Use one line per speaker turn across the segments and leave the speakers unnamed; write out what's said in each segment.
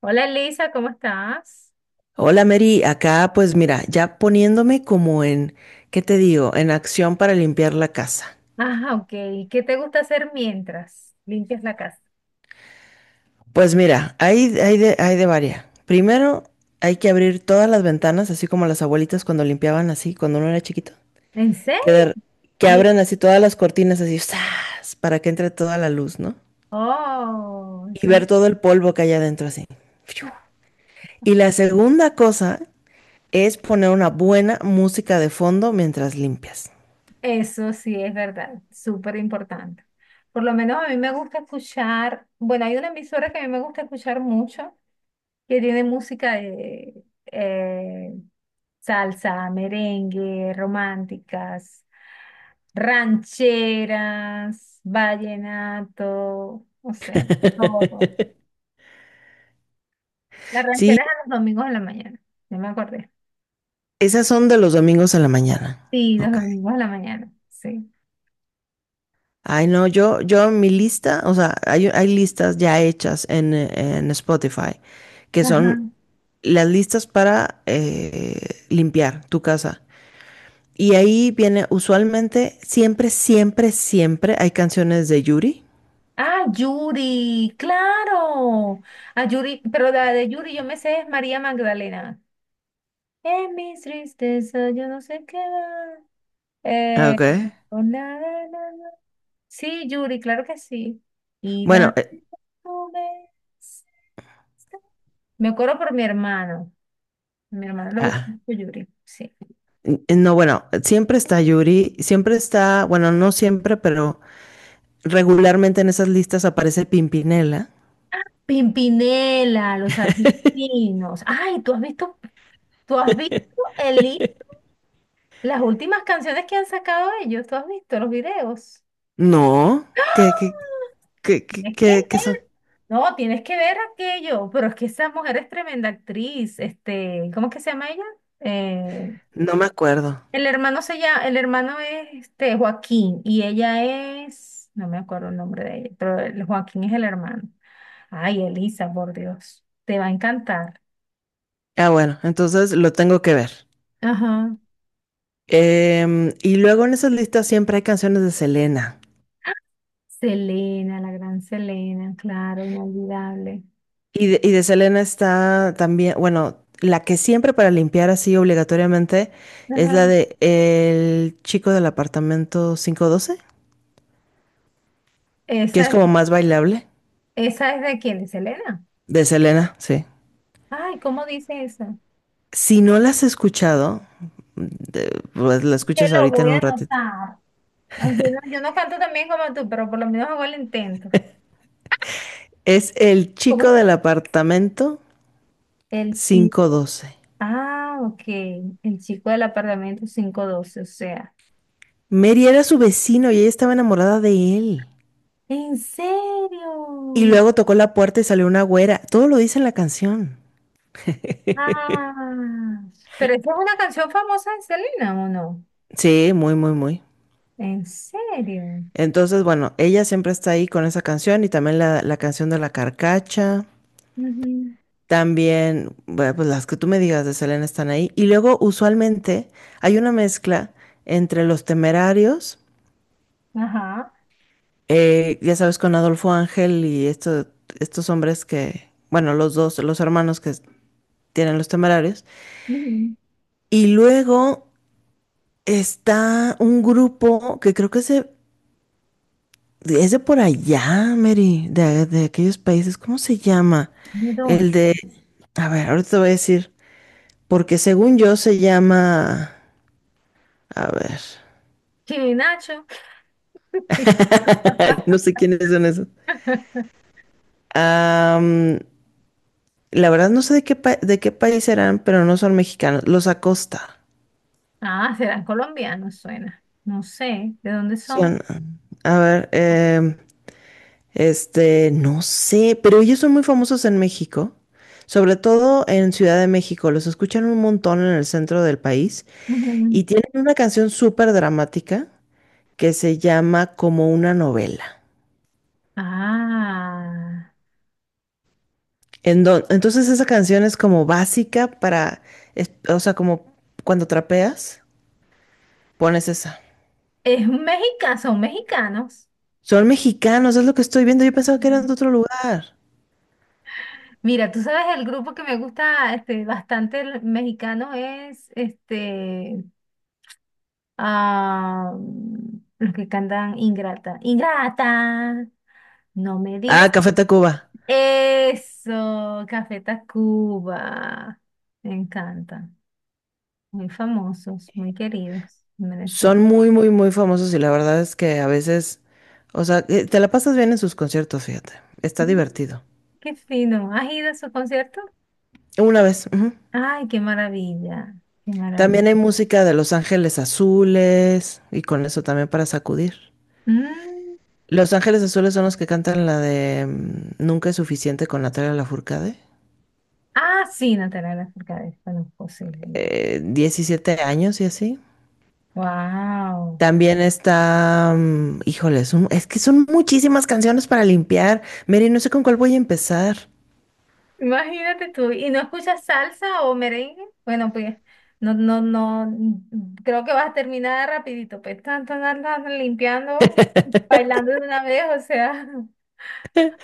Hola Elisa, ¿cómo estás?
Hola Mary, acá pues mira, ya poniéndome como en, ¿qué te digo? En acción para limpiar la casa.
Ah, ok. ¿Qué te gusta hacer mientras limpias la casa?
Pues mira, hay de varias. Primero, hay que abrir todas las ventanas, así como las abuelitas cuando limpiaban así, cuando uno era chiquito.
¿En serio?
Que, de- que
Bien.
abran así todas las cortinas así, ¡zas! Para que entre toda la luz, ¿no?
Oh,
Y
eso,
ver todo el polvo que hay adentro así. ¡Fiu! Y la segunda cosa es poner una buena música de fondo mientras limpias.
eso sí es verdad, súper importante. Por lo menos a mí me gusta escuchar, bueno, hay una emisora que a mí me gusta escuchar mucho, que tiene música de eh, salsa, merengue, románticas, rancheras, vallenato, o sea, todo. Las
Sí,
rancheras eran los domingos de la mañana, ya me acordé.
esas son de los domingos a la mañana.
Sí, los
Ok.
domingos de la mañana, sí.
Ay, no, yo mi lista, o sea, hay listas ya hechas en Spotify, que
Ajá.
son las listas para limpiar tu casa. Y ahí viene usualmente, siempre, siempre, siempre hay canciones de Yuri.
Ah, Yuri, claro. A Yuri, pero la de Yuri yo me sé es María Magdalena. En mis tristezas yo no sé qué va. Eh,
Ok.
oh, na, na, na, na. Sí, Yuri, claro que sí. Y
Bueno,
la... Me acuerdo por mi hermano. A mi hermano le gusta
ah,
mucho Yuri, sí.
no, bueno, siempre está Yuri, siempre está, bueno, no siempre, pero regularmente en esas listas aparece Pimpinela.
Pimpinela, los argentinos. Ay, ¿tú has visto el li- las últimas canciones que han sacado ellos? ¿Tú has visto los videos?
No, ¿qué, qué,
¡Ah!
¿Qué, qué,
Tienes que ver.
qué, qué son?
No, tienes que ver aquello. Pero es que esa mujer es tremenda actriz. Este, ¿cómo es que se llama ella? Eh,
No me acuerdo.
el hermano se llama, el hermano es este Joaquín y ella es, no me acuerdo el nombre de ella, pero el Joaquín es el hermano. Ay, Elisa, por Dios, te va a encantar.
Ah, bueno, entonces lo tengo que ver.
Ajá.
Y luego en esas listas siempre hay canciones de Selena.
Selena, la gran Selena, claro, inolvidable.
Y de Selena está también, bueno, la que siempre para limpiar así obligatoriamente es la
Ajá.
de El chico del apartamento 512, que
Esa,
es
es-
como más bailable.
esa es de quién, de Selena.
De Selena, sí.
Ay, ¿cómo dice esa?
Si no la has escuchado, de- pues la
Te
escuchas
lo
ahorita en
voy a
un ratito.
anotar. Ay, yo no canto tan bien como tú, pero por lo menos hago el intento.
Es El chico
¿Cómo?
del apartamento
El chip.
quinientos doce.
Ah, ok. El chico del apartamento 512, o sea.
Mary era su vecino y ella estaba enamorada de él.
¿En
Y
serio?
luego tocó la puerta y salió una güera. Todo lo dice en la canción.
Ah, pero esta es una canción famosa de Selena, ¿o no?
Sí, muy, muy, muy.
¿En serio?
Entonces, bueno, ella siempre está ahí con esa canción y también la canción de la carcacha.
Ujú.
También, bueno, pues las que tú me digas de Selena están ahí. Y luego, usualmente, hay una mezcla entre los temerarios,
Ajá.
ya sabes, con Adolfo Ángel y estos hombres que, bueno, los dos, los hermanos que tienen los temerarios.
Ujú.
Y luego está un grupo que creo es de por allá, Mary, de aquellos países. ¿Cómo se llama?
¿De
El
dónde?
de, a ver, ahorita te voy a decir, porque según yo se llama, a ver,
Chino y Nacho.
no sé quiénes son esos. Am, la verdad no sé de qué país serán, pero no son mexicanos. Los Acosta.
Ah, serán colombianos, suena. No sé, ¿de dónde son?
Son, a ver, este, no sé, pero ellos son muy famosos en México, sobre todo en Ciudad de México. Los escuchan un montón en el centro del país
Ujú.
y tienen una canción súper dramática que se llama Como una novela.
Ah,
Entonces esa canción es como básica para, o sea, como cuando trapeas, pones esa.
es un mexica, son mexicanos.
Son mexicanos, es lo que estoy viendo. Yo pensaba que eran de otro lugar.
Mira, tú sabes, el grupo que me gusta este, bastante el mexicano es este, ah, los que cantan Ingrata. Ingrata, no me
Ah,
digas
Café Tacuba.
eso, Café Tacuba. Me encanta. Muy famosos, muy queridos en
Son
Venezuela.
muy, muy, muy famosos y la verdad es que a veces, o sea, te la pasas bien en sus conciertos, fíjate. Está
Mm,
divertido.
qué fino. ¿Has ido a su concierto?
Una vez. Ujú.
Ay, qué maravilla, qué maravilla.
También hay música de Los Ángeles Azules y con eso también para sacudir.
Mm,
Los Ángeles Azules son los que cantan la de Nunca es suficiente con Natalia Lafourcade.
Ah, sí, Natalia Lafourcade, conozco, sí.
17 años y así.
Wow.
También está, híjole, es que son muchísimas canciones para limpiar. Mary, no sé con cuál voy a empezar.
Imagínate tú, ¿y no escuchas salsa o merengue? Bueno, pues no, no, no, creo que vas a terminar rapidito, pues tanto andas limpiando, bailando de una vez, o sea,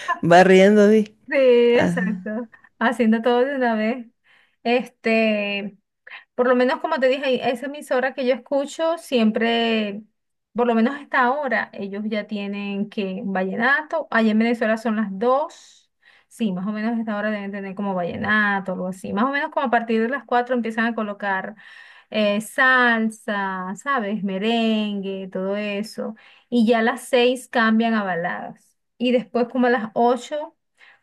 Barriendo, di.
sí,
Ah,
exacto, haciendo todo de una vez. Este, por lo menos, como te dije, esa emisora que yo escucho siempre, por lo menos hasta ahora, ellos ya tienen que vallenato. Allá en Venezuela son las 2. Sí, más o menos hasta ahora deben tener como vallenato, algo así. Más o menos como a partir de las 4 empiezan a colocar salsa, ¿sabes? Merengue, todo eso. Y ya a las 6 cambian a baladas. Y después como a las 8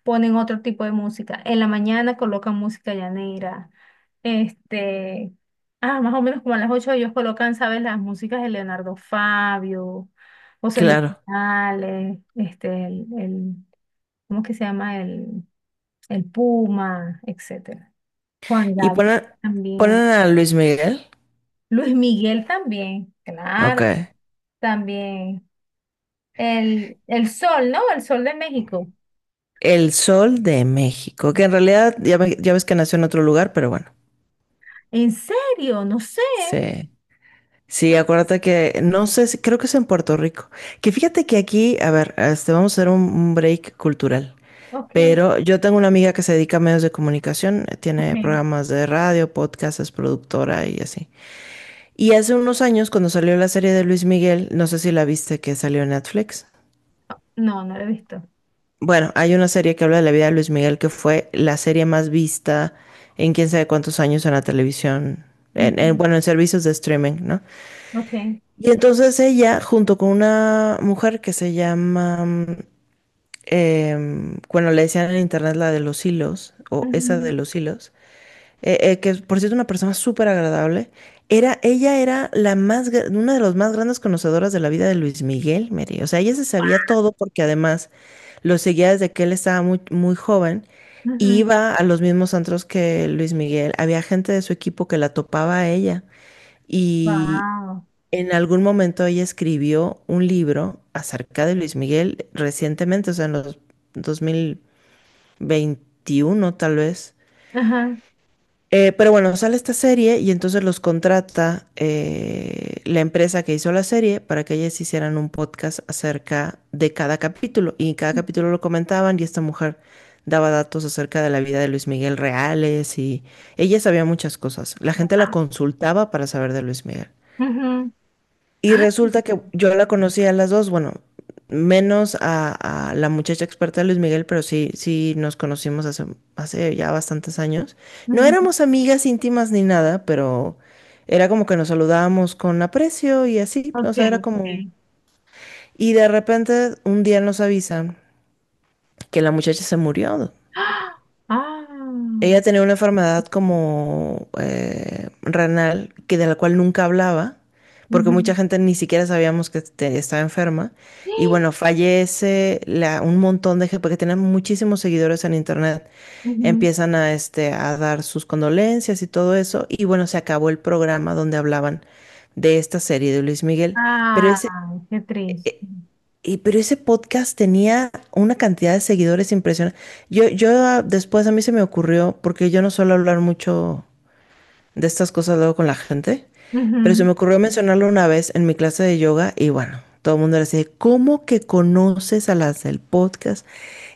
ponen otro tipo de música. En la mañana colocan música llanera. Este, más o menos como a las 8 ellos colocan, ¿sabes? Las músicas de Leonardo Fabio, José Luis
claro.
Morales, este, ¿cómo que se llama? El Puma, etcétera. Juan
Y
Gabriel
ponen,
también.
ponen a Luis Miguel.
Luis Miguel también, claro,
Ok.
también. El Sol, ¿no? El Sol de México.
El Sol de México, que en realidad ya ves que nació en otro lugar, pero bueno.
¿En serio? No sé.
Sí. Sí,
Ah,
acuérdate que, no sé, creo que es en Puerto Rico. Que fíjate que aquí, a ver, este, vamos a hacer un break cultural.
ok,
Pero yo tengo una amiga que se dedica a medios de comunicación, tiene
ok.
programas de radio, podcast, es productora y así. Y hace unos años, cuando salió la serie de Luis Miguel, no sé si la viste que salió en Netflix.
No, no lo he visto.
Bueno, hay una serie que habla de la vida de Luis Miguel que fue la serie más vista en quién sabe cuántos años en la televisión,
Ujú,
bueno, en servicios de streaming, ¿no?
ok.
Y entonces ella, junto con una mujer que se llama, bueno, le decían en internet la de los hilos, o esa de
Ujú,
los hilos, que por cierto una persona súper agradable, ella era una de las más grandes conocedoras de la vida de Luis Miguel, Mary. O sea, ella se sabía todo porque además lo seguía desde que él estaba muy, muy joven y
ujú.
iba a los mismos antros que Luis Miguel. Había gente de su equipo que la topaba a ella y
Wow.
en algún momento ella escribió un libro acerca de Luis Miguel recientemente, o sea, en los 2021 tal vez.
Ajá.
Pero bueno, sale esta serie y entonces los contrata la empresa que hizo la serie para que ellas hicieran un podcast acerca de cada capítulo. Y en cada capítulo lo comentaban y esta mujer daba datos acerca de la vida de Luis Miguel reales y ella sabía muchas cosas. La gente la
Wow.
consultaba para saber de Luis Miguel.
Ujú.
Y resulta que yo la conocí a las dos, bueno, menos a la muchacha experta de Luis Miguel, pero sí, sí nos conocimos hace ya bastantes años. No
Ujú.
éramos amigas íntimas ni nada, pero era como que nos saludábamos con aprecio y así, o
Ok,
sea, era como...
ok.
Y de repente un día nos avisan que la muchacha se murió.
¡Ah! Ah,
Ella tenía una enfermedad como renal, que de la cual nunca hablaba, porque mucha
ujú.
gente ni siquiera sabíamos que estaba enferma. Y
¡Eh!
bueno, fallece un montón de gente, porque tenía muchísimos seguidores en internet.
Ujú.
Empiezan a dar sus condolencias y todo eso. Y bueno, se acabó el programa donde hablaban de esta serie de Luis Miguel. Pero ese,
Ay, qué triste.
pero ese podcast tenía una cantidad de seguidores impresionante. Después a mí se me ocurrió, porque yo no suelo hablar mucho de estas cosas luego con la gente, pero se
Ujú,
me ocurrió mencionarlo una vez en mi clase de yoga y bueno, todo el mundo era así, de, ¿cómo que conoces a las del podcast?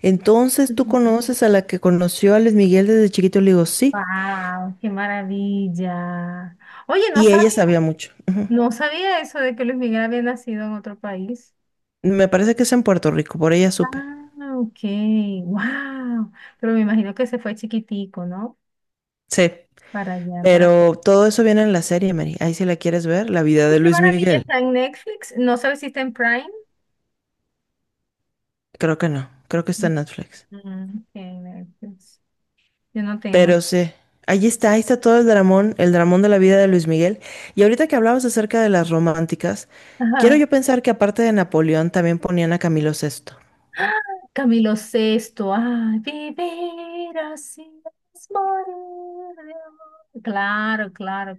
Entonces tú
ujú.
conoces a la que conoció a Luis Miguel desde chiquito, le digo, sí,
Wow, qué maravilla. Oye, no
y ella
sabía,
sabía mucho. Ujú.
no sabía eso de que Luis Miguel había nacido en otro país.
Me parece que es en Puerto Rico, por ella supe.
Ah, ok, wow. Pero me imagino que se fue chiquitico, ¿no?
Sí.
Para allá, para.
Pero todo eso viene en la serie, Mary. Ahí si la quieres ver, la vida
Oh,
de
qué
Luis
maravilla,
Miguel.
está en Netflix. No sabes si está en Prime.
Creo que no, creo que está en Netflix.
Mm, ok, Netflix. Yo no tengo.
Pero sí, ahí está todo el dramón de la vida de Luis Miguel. Y ahorita que hablabas acerca de las románticas, quiero
Ajá.
yo pensar que aparte de Napoleón también ponían a Camilo VI.
¡Ah! Camilo Sexto. Ay, vivir así es morir de amor. Claro, claro,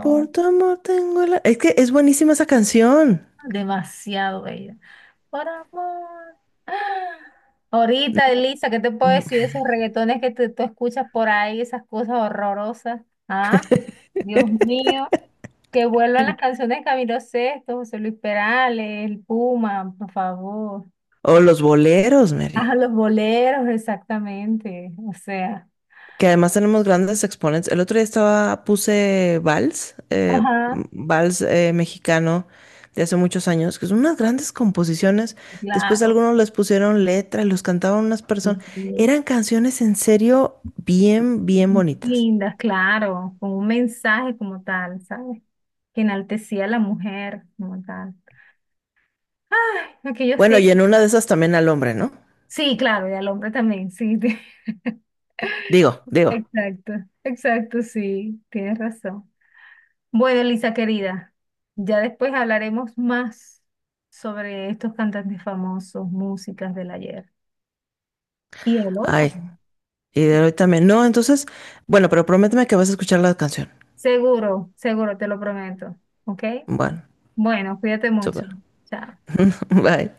Por tu amor tengo la... Es que es buenísima esa canción.
Demasiado bella. Por amor. Ahorita, Elisa, ¿qué te puedo
Mm.
decir de esos reggaetones que tú escuchas por ahí, esas cosas horrorosas? Ah, Dios mío, que vuelvan las canciones de Camilo Sesto, José Luis Perales, el Puma, por favor.
O los boleros,
Ah,
Mary.
los boleros, exactamente. O sea,
Que además tenemos grandes exponentes. El otro día puse Vals, eh, m-
ajá,
Vals eh, mexicano de hace muchos años, que son unas grandes composiciones. Después
claro.
algunos les pusieron letra y los cantaban unas
Sí,
personas.
sí.
Eran canciones en serio bien, bien bonitas.
Lindas, claro, con un mensaje como tal, ¿sabes? Que enaltecía a la mujer como tal. Ay, aquellos
Bueno, y
tiempos.
en una de esas también al hombre, ¿no?
Sí, claro, y al hombre también, sí.
Digo, digo.
Exacto, exacto, sí, tienes razón. Bueno, Elisa querida, ya después hablaremos más sobre estos cantantes famosos, músicas del ayer. Y el hoy
Ay,
también.
y de hoy también. No, entonces, bueno, pero prométeme que vas a escuchar la canción.
Seguro, seguro, te lo prometo. ¿Ok?
Bueno,
Bueno, cuídate mucho.
súper.
Chao.
Bye.